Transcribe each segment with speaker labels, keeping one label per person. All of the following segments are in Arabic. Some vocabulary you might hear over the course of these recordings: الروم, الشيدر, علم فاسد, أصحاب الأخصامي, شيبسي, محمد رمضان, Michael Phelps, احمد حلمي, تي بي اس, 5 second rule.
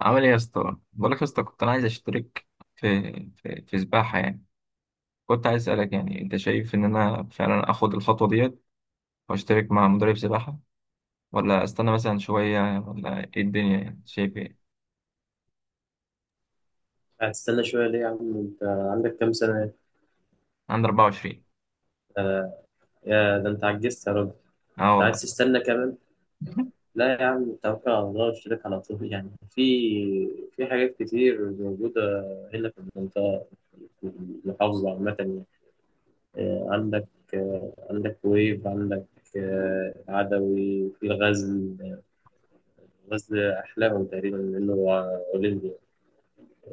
Speaker 1: عامل ايه يا اسطى؟ بقول لك يا اسطى، كنت انا عايز اشترك في في سباحه يعني. كنت عايز اسالك، يعني انت شايف ان انا فعلا اخد الخطوه ديت واشترك مع مدرب سباحه، ولا استنى مثلا شويه، ولا ايه الدنيا؟ يعني شايف ايه؟
Speaker 2: هتستنى شوية ليه يا عم؟ انت عندك كام سنة؟
Speaker 1: عندي 24.
Speaker 2: آه يا ده انت عجزت يا راجل.
Speaker 1: اه
Speaker 2: انت عايز
Speaker 1: والله.
Speaker 2: تستنى كمان؟ لا يا عم، توكل على الله واشترك على طول، يعني في حاجات كتير موجودة هنا في المنطقة، في المحافظة عامة يعني. آه، عندك عندك ويب، عندك عدوي في الغزل. غزل أحلاهم تقريبا لأنه هو أولمبي.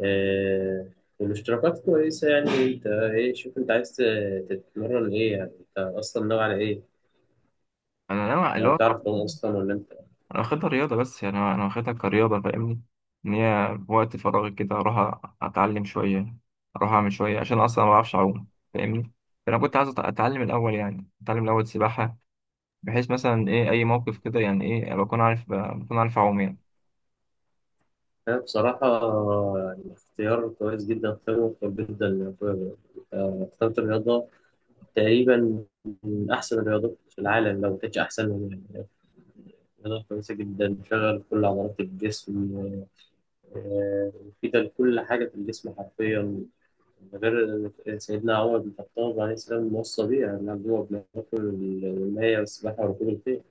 Speaker 2: آه، والاشتراكات كويسة. يعني انت ايه، شوف انت عايز تتمرن ايه، يعني انت اصلا ناوي على ايه؟
Speaker 1: انا نوع اللي
Speaker 2: يعني
Speaker 1: هو
Speaker 2: تعرف تعوم اصلا ولا انت؟
Speaker 1: انا واخدها رياضه، بس يعني انا واخدها كرياضه، فاهمني؟ ان هي في وقت فراغي كده اروح اتعلم شويه، اروح اعمل شويه عشان اصلا ما بعرفش اعوم، فاهمني. فانا كنت عايز اتعلم الاول، يعني اتعلم الاول سباحه، بحيث مثلا ايه اي موقف كده يعني ايه بكون عارف اعوم يعني.
Speaker 2: أنا بصراحة يعني اختيار كويس جدا، اختيار موفق جدا يا أخويا. اخترت الرياضة تقريبا من أحسن الرياضات في العالم، لو مكانتش أحسن، من يعني رياضة كويسة جدا بتشغل كل عضلات الجسم. مفيدة لكل حاجة في الجسم حرفيا. غير سيدنا عمر بن الخطاب عليه السلام موصى بيها، إن هو بناكل المية والسباحة وركوب الخيل.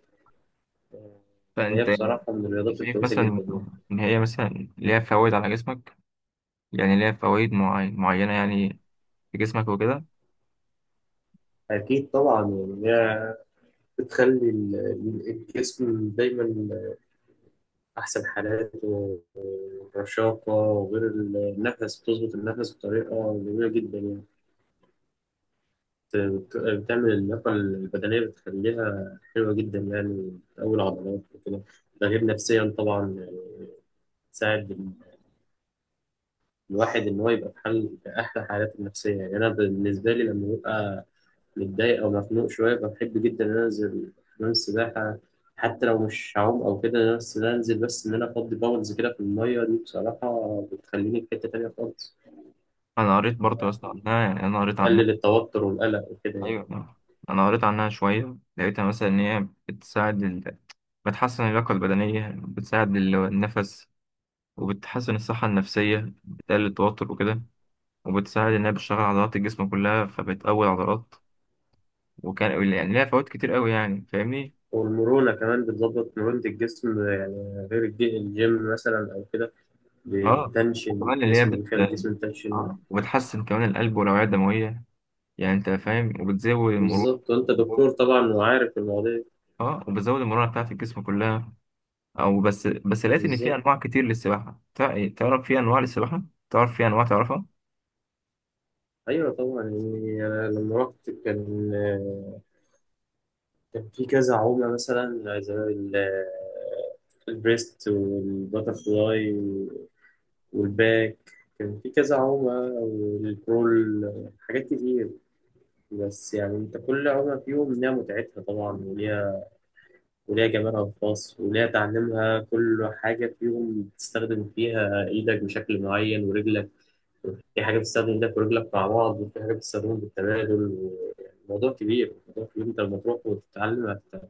Speaker 2: هي
Speaker 1: فانت
Speaker 2: بصراحة من الرياضات
Speaker 1: شايف
Speaker 2: الكويسة جدا
Speaker 1: مثلا
Speaker 2: يعني.
Speaker 1: ان هي مثلا ليها فوائد على جسمك، يعني ليها فوائد معينه يعني في جسمك وكده.
Speaker 2: أكيد طبعا، يعني هي بتخلي الجسم دايما أحسن حالاته ورشاقة، وغير النفس بتظبط النفس بطريقة جميلة جدا يعني. بتعمل اللياقة البدنية بتخليها حلوة جدا، يعني بتقوي العضلات وكده. ده غير نفسيا طبعا، تساعد الواحد ان هو يبقى في حال، في احلى حالاته النفسيه. يعني انا بالنسبه لي لما ببقى متضايق او مخنوق شويه، بحب جدا ان انا انزل حمام السباحه. حتى لو مش هعوم او كده، بس إن أنا انزل، بس ان انا افضي باولز كده في الميه دي، بصراحه بتخليني في حته تانيه خالص.
Speaker 1: انا قريت برضه يا اسطى
Speaker 2: يعني
Speaker 1: عنها، يعني انا قريت عنها.
Speaker 2: تقلل التوتر والقلق وكده يعني.
Speaker 1: ايوه، انا قريت عنها شويه، لقيتها مثلا ان هي بتساعد بتحسن اللياقه البدنيه، بتساعد النفس، وبتحسن الصحه النفسيه، بتقلل التوتر وكده، وبتساعد انها بتشغل عضلات الجسم كلها فبتقوي العضلات، وكان يعني ليها فوائد كتير قوي يعني فاهمني.
Speaker 2: والمرونه كمان بتظبط مرونه الجسم، يعني غير الجيم مثلا او كده،
Speaker 1: اه
Speaker 2: بتنشن
Speaker 1: وكمان اللي هي
Speaker 2: الجسم،
Speaker 1: بت
Speaker 2: بيخلي الجسم يتنشن.
Speaker 1: اه وبتحسن كمان القلب والأوعية الدموية، يعني انت فاهم، وبتزود المرونة.
Speaker 2: بالظبط، وانت دكتور طبعا وعارف المواضيع دي.
Speaker 1: اه وبتزود المرونة بتاعت الجسم كلها. او بس لقيت ان في
Speaker 2: بالظبط.
Speaker 1: انواع كتير للسباحة. تعرف في انواع للسباحة؟ تعرف في انواع، تعرفها؟
Speaker 2: ايوه طبعا، يعني انا لما رحت كان كان في كذا عمله، مثلا زي البريست والباترفلاي والباك، كان في كذا عمله، والبرول، حاجات كتير. بس يعني انت، كل عمله فيهم ليها متعتها طبعا وليها، وليها جمالها الخاص وليها تعليمها. كل حاجه فيهم بتستخدم فيها ايدك بشكل معين ورجلك، في حاجة بتستخدم ايدك ورجلك مع بعض، وفي حاجة بتستخدمهم بالتبادل يعني الموضوع كبير، الموضوع كبير. انت لما تروح وتتعلم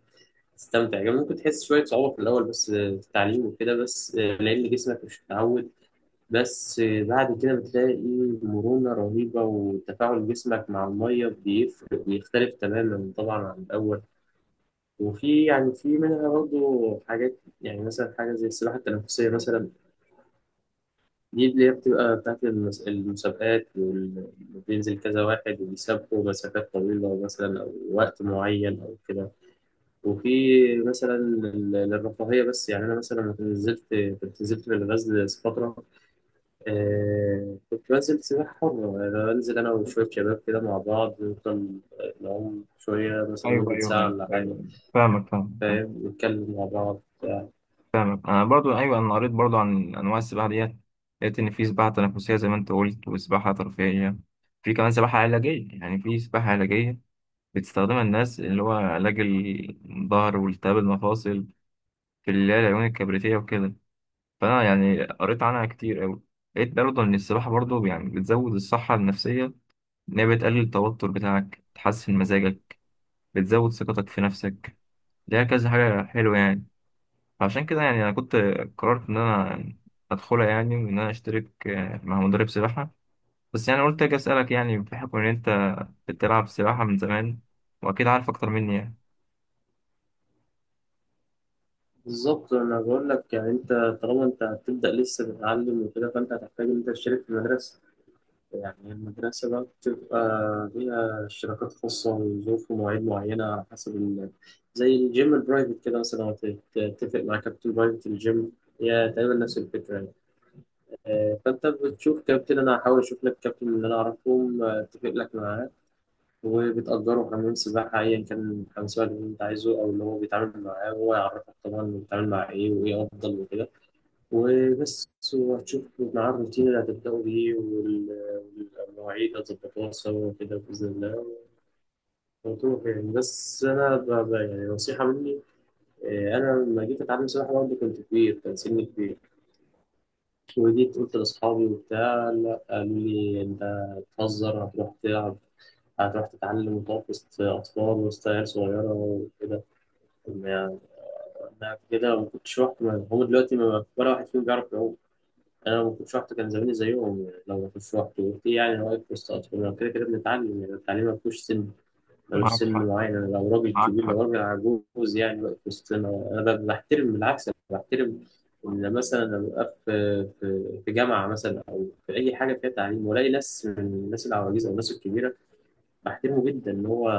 Speaker 2: هتستمتع يعني. ممكن تحس شوية صعوبة في الأول بس، في التعليم وكده، بس لأن جسمك مش متعود، بس بعد كده بتلاقي مرونة رهيبة، وتفاعل جسمك مع المية بيفرق، بيختلف تماما طبعا عن الأول. وفي يعني، في منها برضه حاجات، يعني مثلا حاجة زي السباحة التنفسية مثلا، دي اللي هي بتبقى بتاعت المسابقات وبينزل كذا واحد وبيسابقوا مسافات طويلة مثلا، أو وقت معين أو كده. وفي مثلا للرفاهية بس. يعني أنا مثلا لما نزلت، كنت نزلت في الغزل فترة، آه، كنت بنزل سباحة حرة يعني. بنزل أنا وشوية شباب كده مع بعض، نفضل نعوم شوية مثلا
Speaker 1: ايوه،
Speaker 2: مدة
Speaker 1: ايوه، ايوه،
Speaker 2: ساعة
Speaker 1: ايوه،
Speaker 2: ولا حاجة،
Speaker 1: أيوة. فاهمك، فاهمك، فاهمك.
Speaker 2: فاهم، نتكلم مع بعض.
Speaker 1: فاهمك، انا برضو، ايوه، انا قريت برضو عن انواع السباحه ديت. لقيت ان في سباحه تنافسيه زي ما انت قلت، وسباحه ترفيهيه، في كمان سباحه علاجيه، يعني في سباحه علاجيه بتستخدمها الناس اللي هو علاج الظهر والتهاب المفاصل، في اللي هي العيون الكبريتية وكده. فأنا يعني قريت عنها كتير أوي، لقيت برضه إن السباحة برضه يعني بتزود الصحة النفسية، إن هي بتقلل التوتر بتاعك، تحسن مزاجك، بتزود ثقتك في نفسك، ليها كذا حاجة حلوة يعني. فعشان كده يعني أنا كنت قررت إن أنا أدخلها يعني، وإن أنا أشترك مع مدرب سباحة. بس يعني قلت أجي أسألك، يعني بحكم إن أنت بتلعب سباحة من زمان، وأكيد عارف أكتر مني يعني.
Speaker 2: بالظبط، انا بقول لك يعني، انت طالما انت هتبدا لسه تتعلم وكده، فانت هتحتاج ان انت تشترك في مدرسه. يعني المدرسه بقى بتبقى ليها اشتراكات خاصه وظروف ومواعيد معينه، على حسب ال... زي الجيم البرايفت كده مثلا، لو تتفق مع كابتن برايفت الجيم، هي تقريبا نفس الفكره يعني. فانت بتشوف كابتن، انا هحاول اشوف لك كابتن اللي انا اعرفهم، اتفق لك معاه، وبتأجره حمام سباحة أيا كان، حمام سباحة اللي أنت عايزه أو اللي هو بيتعامل معاه، وهو يعرفك طبعا بيتعامل مع إيه وإيه أفضل وكده. وبس، وهتشوف مع الروتين اللي هتبدأوا بيه والمواعيد هتظبطوها سوا كده بإذن الله، وتروح يعني. بس أنا يعني نصيحة مني إيه، أنا لما جيت أتعلم سباحة برضه كنت كبير، كان سني كبير، وجيت قلت لأصحابي وبتاع، لا، قالوا لي أنت بتهزر، هتروح تلعب، هتروح تتعلم وتقف وسط أطفال، وسط عيال صغيرة وكده. طب ما يعني أنا كده ما كنتش رحت. هم دلوقتي ما ولا واحد فيهم بيعرف يعوم. انا لو ما كنتش رحت كان زماني زيهم يعني. لو ما كنتش رحت في يعني، واقف وسط اطفال كده، كده بنتعلم يعني. التعليم ما فيهوش سن، ملوش
Speaker 1: معك
Speaker 2: سن
Speaker 1: حق،
Speaker 2: معين. أنا لو راجل
Speaker 1: معك
Speaker 2: كبير، لو
Speaker 1: حق.
Speaker 2: راجل عجوز يعني، واقف وسطنا، انا بحترم، بالعكس أنا بحترم ان مثلا لما ببقى في في جامعه مثلا، او في اي حاجه فيها تعليم، والاقي ناس من الناس العواجيز او الناس الكبيره، بحترمه جدا ان هو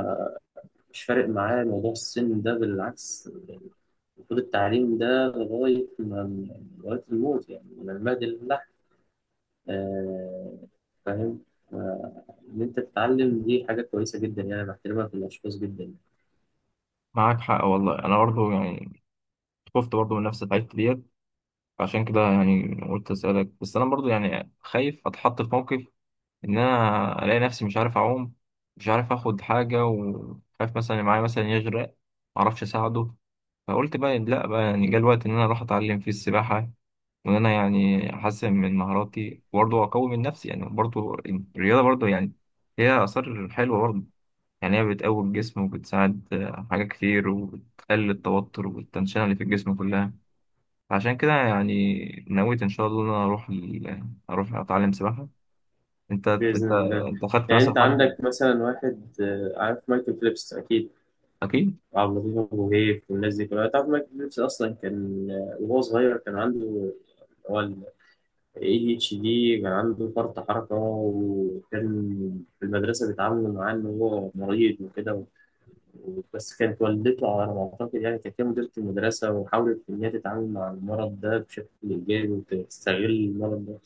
Speaker 2: مش فارق معاه موضوع السن ده، بالعكس يعني. المفروض التعليم ده لغايه ما، لغايه الموت يعني، من المهد لله. آه، فاهم. ف- إن أنت تتعلم دي حاجة كويسة جدا، يعني بحترمها في الأشخاص جدا.
Speaker 1: معاك حق والله، انا برضو يعني خفت برضو من نفس الحاجات ديت، عشان كده يعني قلت اسالك. بس انا برضو يعني خايف اتحط في موقف ان انا الاقي نفسي مش عارف اعوم، مش عارف اخد حاجه، وخايف مثلا اللي معايا مثلا يغرق، معرفش اساعده. فقلت بقى لا بقى، يعني جه الوقت ان انا اروح اتعلم فيه السباحه، وان انا يعني احسن من مهاراتي وبرضو اقوي من نفسي، يعني برضو الرياضه برضو يعني هي اثار حلوه برضو، يعني هي بتقوي الجسم وبتساعد حاجات كتير، وبتقلل التوتر والتنشنة اللي في الجسم كلها. عشان كده يعني نويت إن شاء الله إن أنا أروح أروح أتعلم سباحة. أنت أنت
Speaker 2: بإذن الله.
Speaker 1: أنت خدت
Speaker 2: يعني أنت
Speaker 1: مثلا حد؟
Speaker 2: عندك مثلا واحد، عارف مايكل فيليبس أكيد،
Speaker 1: أكيد.
Speaker 2: وعبد اللطيف أبو هيف والناس دي كلها. تعرف مايكل فيليبس أصلا كان وهو صغير كان عنده، هو ال ADHD، كان عنده فرط حركة، وكان في المدرسة بيتعاملوا معاه إن هو مريض وكده. بس كانت والدته على ما أعتقد، يعني كانت هي مديرة المدرسة، وحاولت إن هي تتعامل مع المرض ده بشكل إيجابي، وتستغل المرض ده،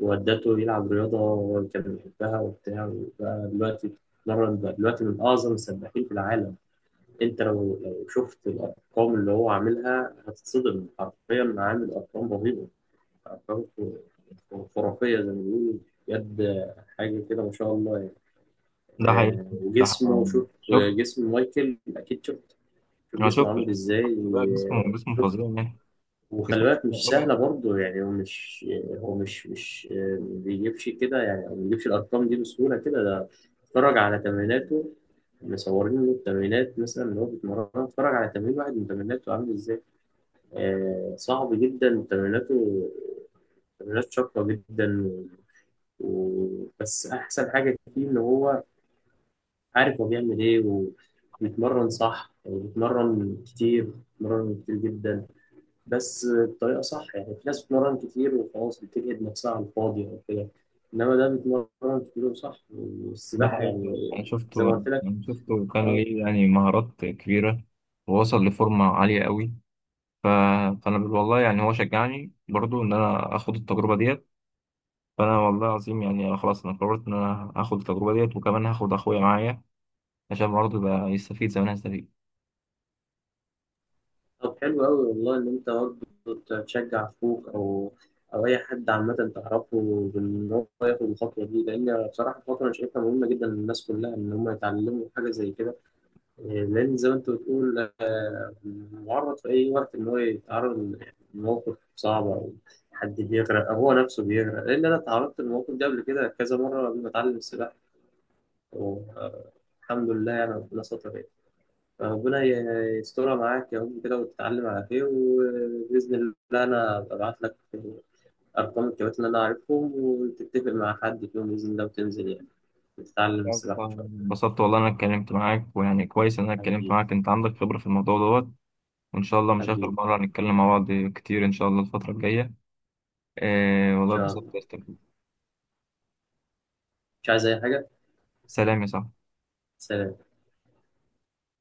Speaker 2: وودته يلعب رياضة، هو كان بيحبها وبتاع، وبقى دلوقتي بيتمرن، بقى دلوقتي من أعظم السباحين في العالم. أنت لو لو شفت الأرقام اللي هو عاملها هتتصدم حرفيا، عامل أرقام رهيبة، أرقام خرافية زي ما بيقولوا، بجد حاجة كده ما شاء الله يعني.
Speaker 1: ده حقيقي. ده
Speaker 2: وجسمه،
Speaker 1: حقيقي.
Speaker 2: شوف
Speaker 1: شوف،
Speaker 2: جسم مايكل، أكيد شفت، شوف
Speaker 1: أنا
Speaker 2: جسمه
Speaker 1: شفت
Speaker 2: عامل
Speaker 1: شفت.
Speaker 2: ازاي.
Speaker 1: لا، جسمه، جسمه
Speaker 2: شوف،
Speaker 1: فظيع يعني.
Speaker 2: وخلي
Speaker 1: جسمه
Speaker 2: بالك
Speaker 1: فظيع
Speaker 2: مش
Speaker 1: أوي.
Speaker 2: سهلة برضه يعني. هو مش ما بيجيبش كده يعني، أو ما بيجيبش الأرقام دي بسهولة كده، ده اتفرج على تمريناته، مصورين له التمرينات مثلا اللي هو بيتمرنها، اتفرج على تمرين واحد من تمريناته عامل ازاي. آه، صعب جدا تمريناته، تمرينات شاقة جدا. و... و... بس أحسن حاجة فيه إن هو عارف هو بيعمل إيه، وبيتمرن صح، وبيتمرن كتير، بيتمرن كتير جدا، بس بطريقه صح يعني. في ناس بتتمرن كتير وخلاص، بتجهد نفسها على الفاضي او كده، انما ده بيتمرن كتير وصح،
Speaker 1: ده
Speaker 2: والسباحه
Speaker 1: حقيقي،
Speaker 2: يعني
Speaker 1: أنا
Speaker 2: زي
Speaker 1: شفته.
Speaker 2: ما قلت لك.
Speaker 1: أنا شفته، وكان
Speaker 2: اه.
Speaker 1: ليه يعني مهارات كبيرة، ووصل لفورمة عالية أوي. ف... فأنا بقول والله، يعني هو شجعني برضو إن أنا آخد التجربة ديت. فانا والله العظيم يعني أنا خلاص، انا قررت ان انا هاخد التجربه ديت، وكمان هاخد اخويا معايا عشان برضه يبقى يستفيد زي ما انا هستفيد.
Speaker 2: طب حلو قوي والله ان انت برضه تشجع اخوك او او اي حد عامه تعرفه، بان هو ياخد الخطوه دي، لان بصراحه الخطوه انا شايفها مهمه جدا للناس كلها، ان هم يتعلموا حاجه زي كده. لأن زي ما أنت بتقول، معرض في أي وقت إن هو يتعرض لموقف صعب، أو حد بيغرق، أو هو نفسه بيغرق. لأن أنا اتعرضت للموقف ده قبل كده كذا مرة قبل ما أتعلم السباحة، والحمد لله يعني ربنا ستر يعني. فربنا يسترها معاك يا رب كده، وتتعلم على خير، وبإذن الله أنا ببعت لك أرقام الكباتن اللي أنا عارفهم، وتتفق مع حد فيهم بإذن الله، وتنزل يعني وتتعلم السباحة إن شاء الله.
Speaker 1: انبسطت والله إن انا اتكلمت معاك، ويعني كويس ان انا اتكلمت
Speaker 2: حبيبي.
Speaker 1: معاك، انت عندك خبره في الموضوع دوت. وان شاء الله مش اخر
Speaker 2: حبيبي.
Speaker 1: مره هنتكلم مع بعض كتير ان شاء الله الفتره الجايه. آه
Speaker 2: إن
Speaker 1: والله
Speaker 2: شاء
Speaker 1: اتبسطت
Speaker 2: الله.
Speaker 1: يا أستاذ.
Speaker 2: مش عايز أي حاجة.
Speaker 1: سلام يا صاحبي.
Speaker 2: سلام.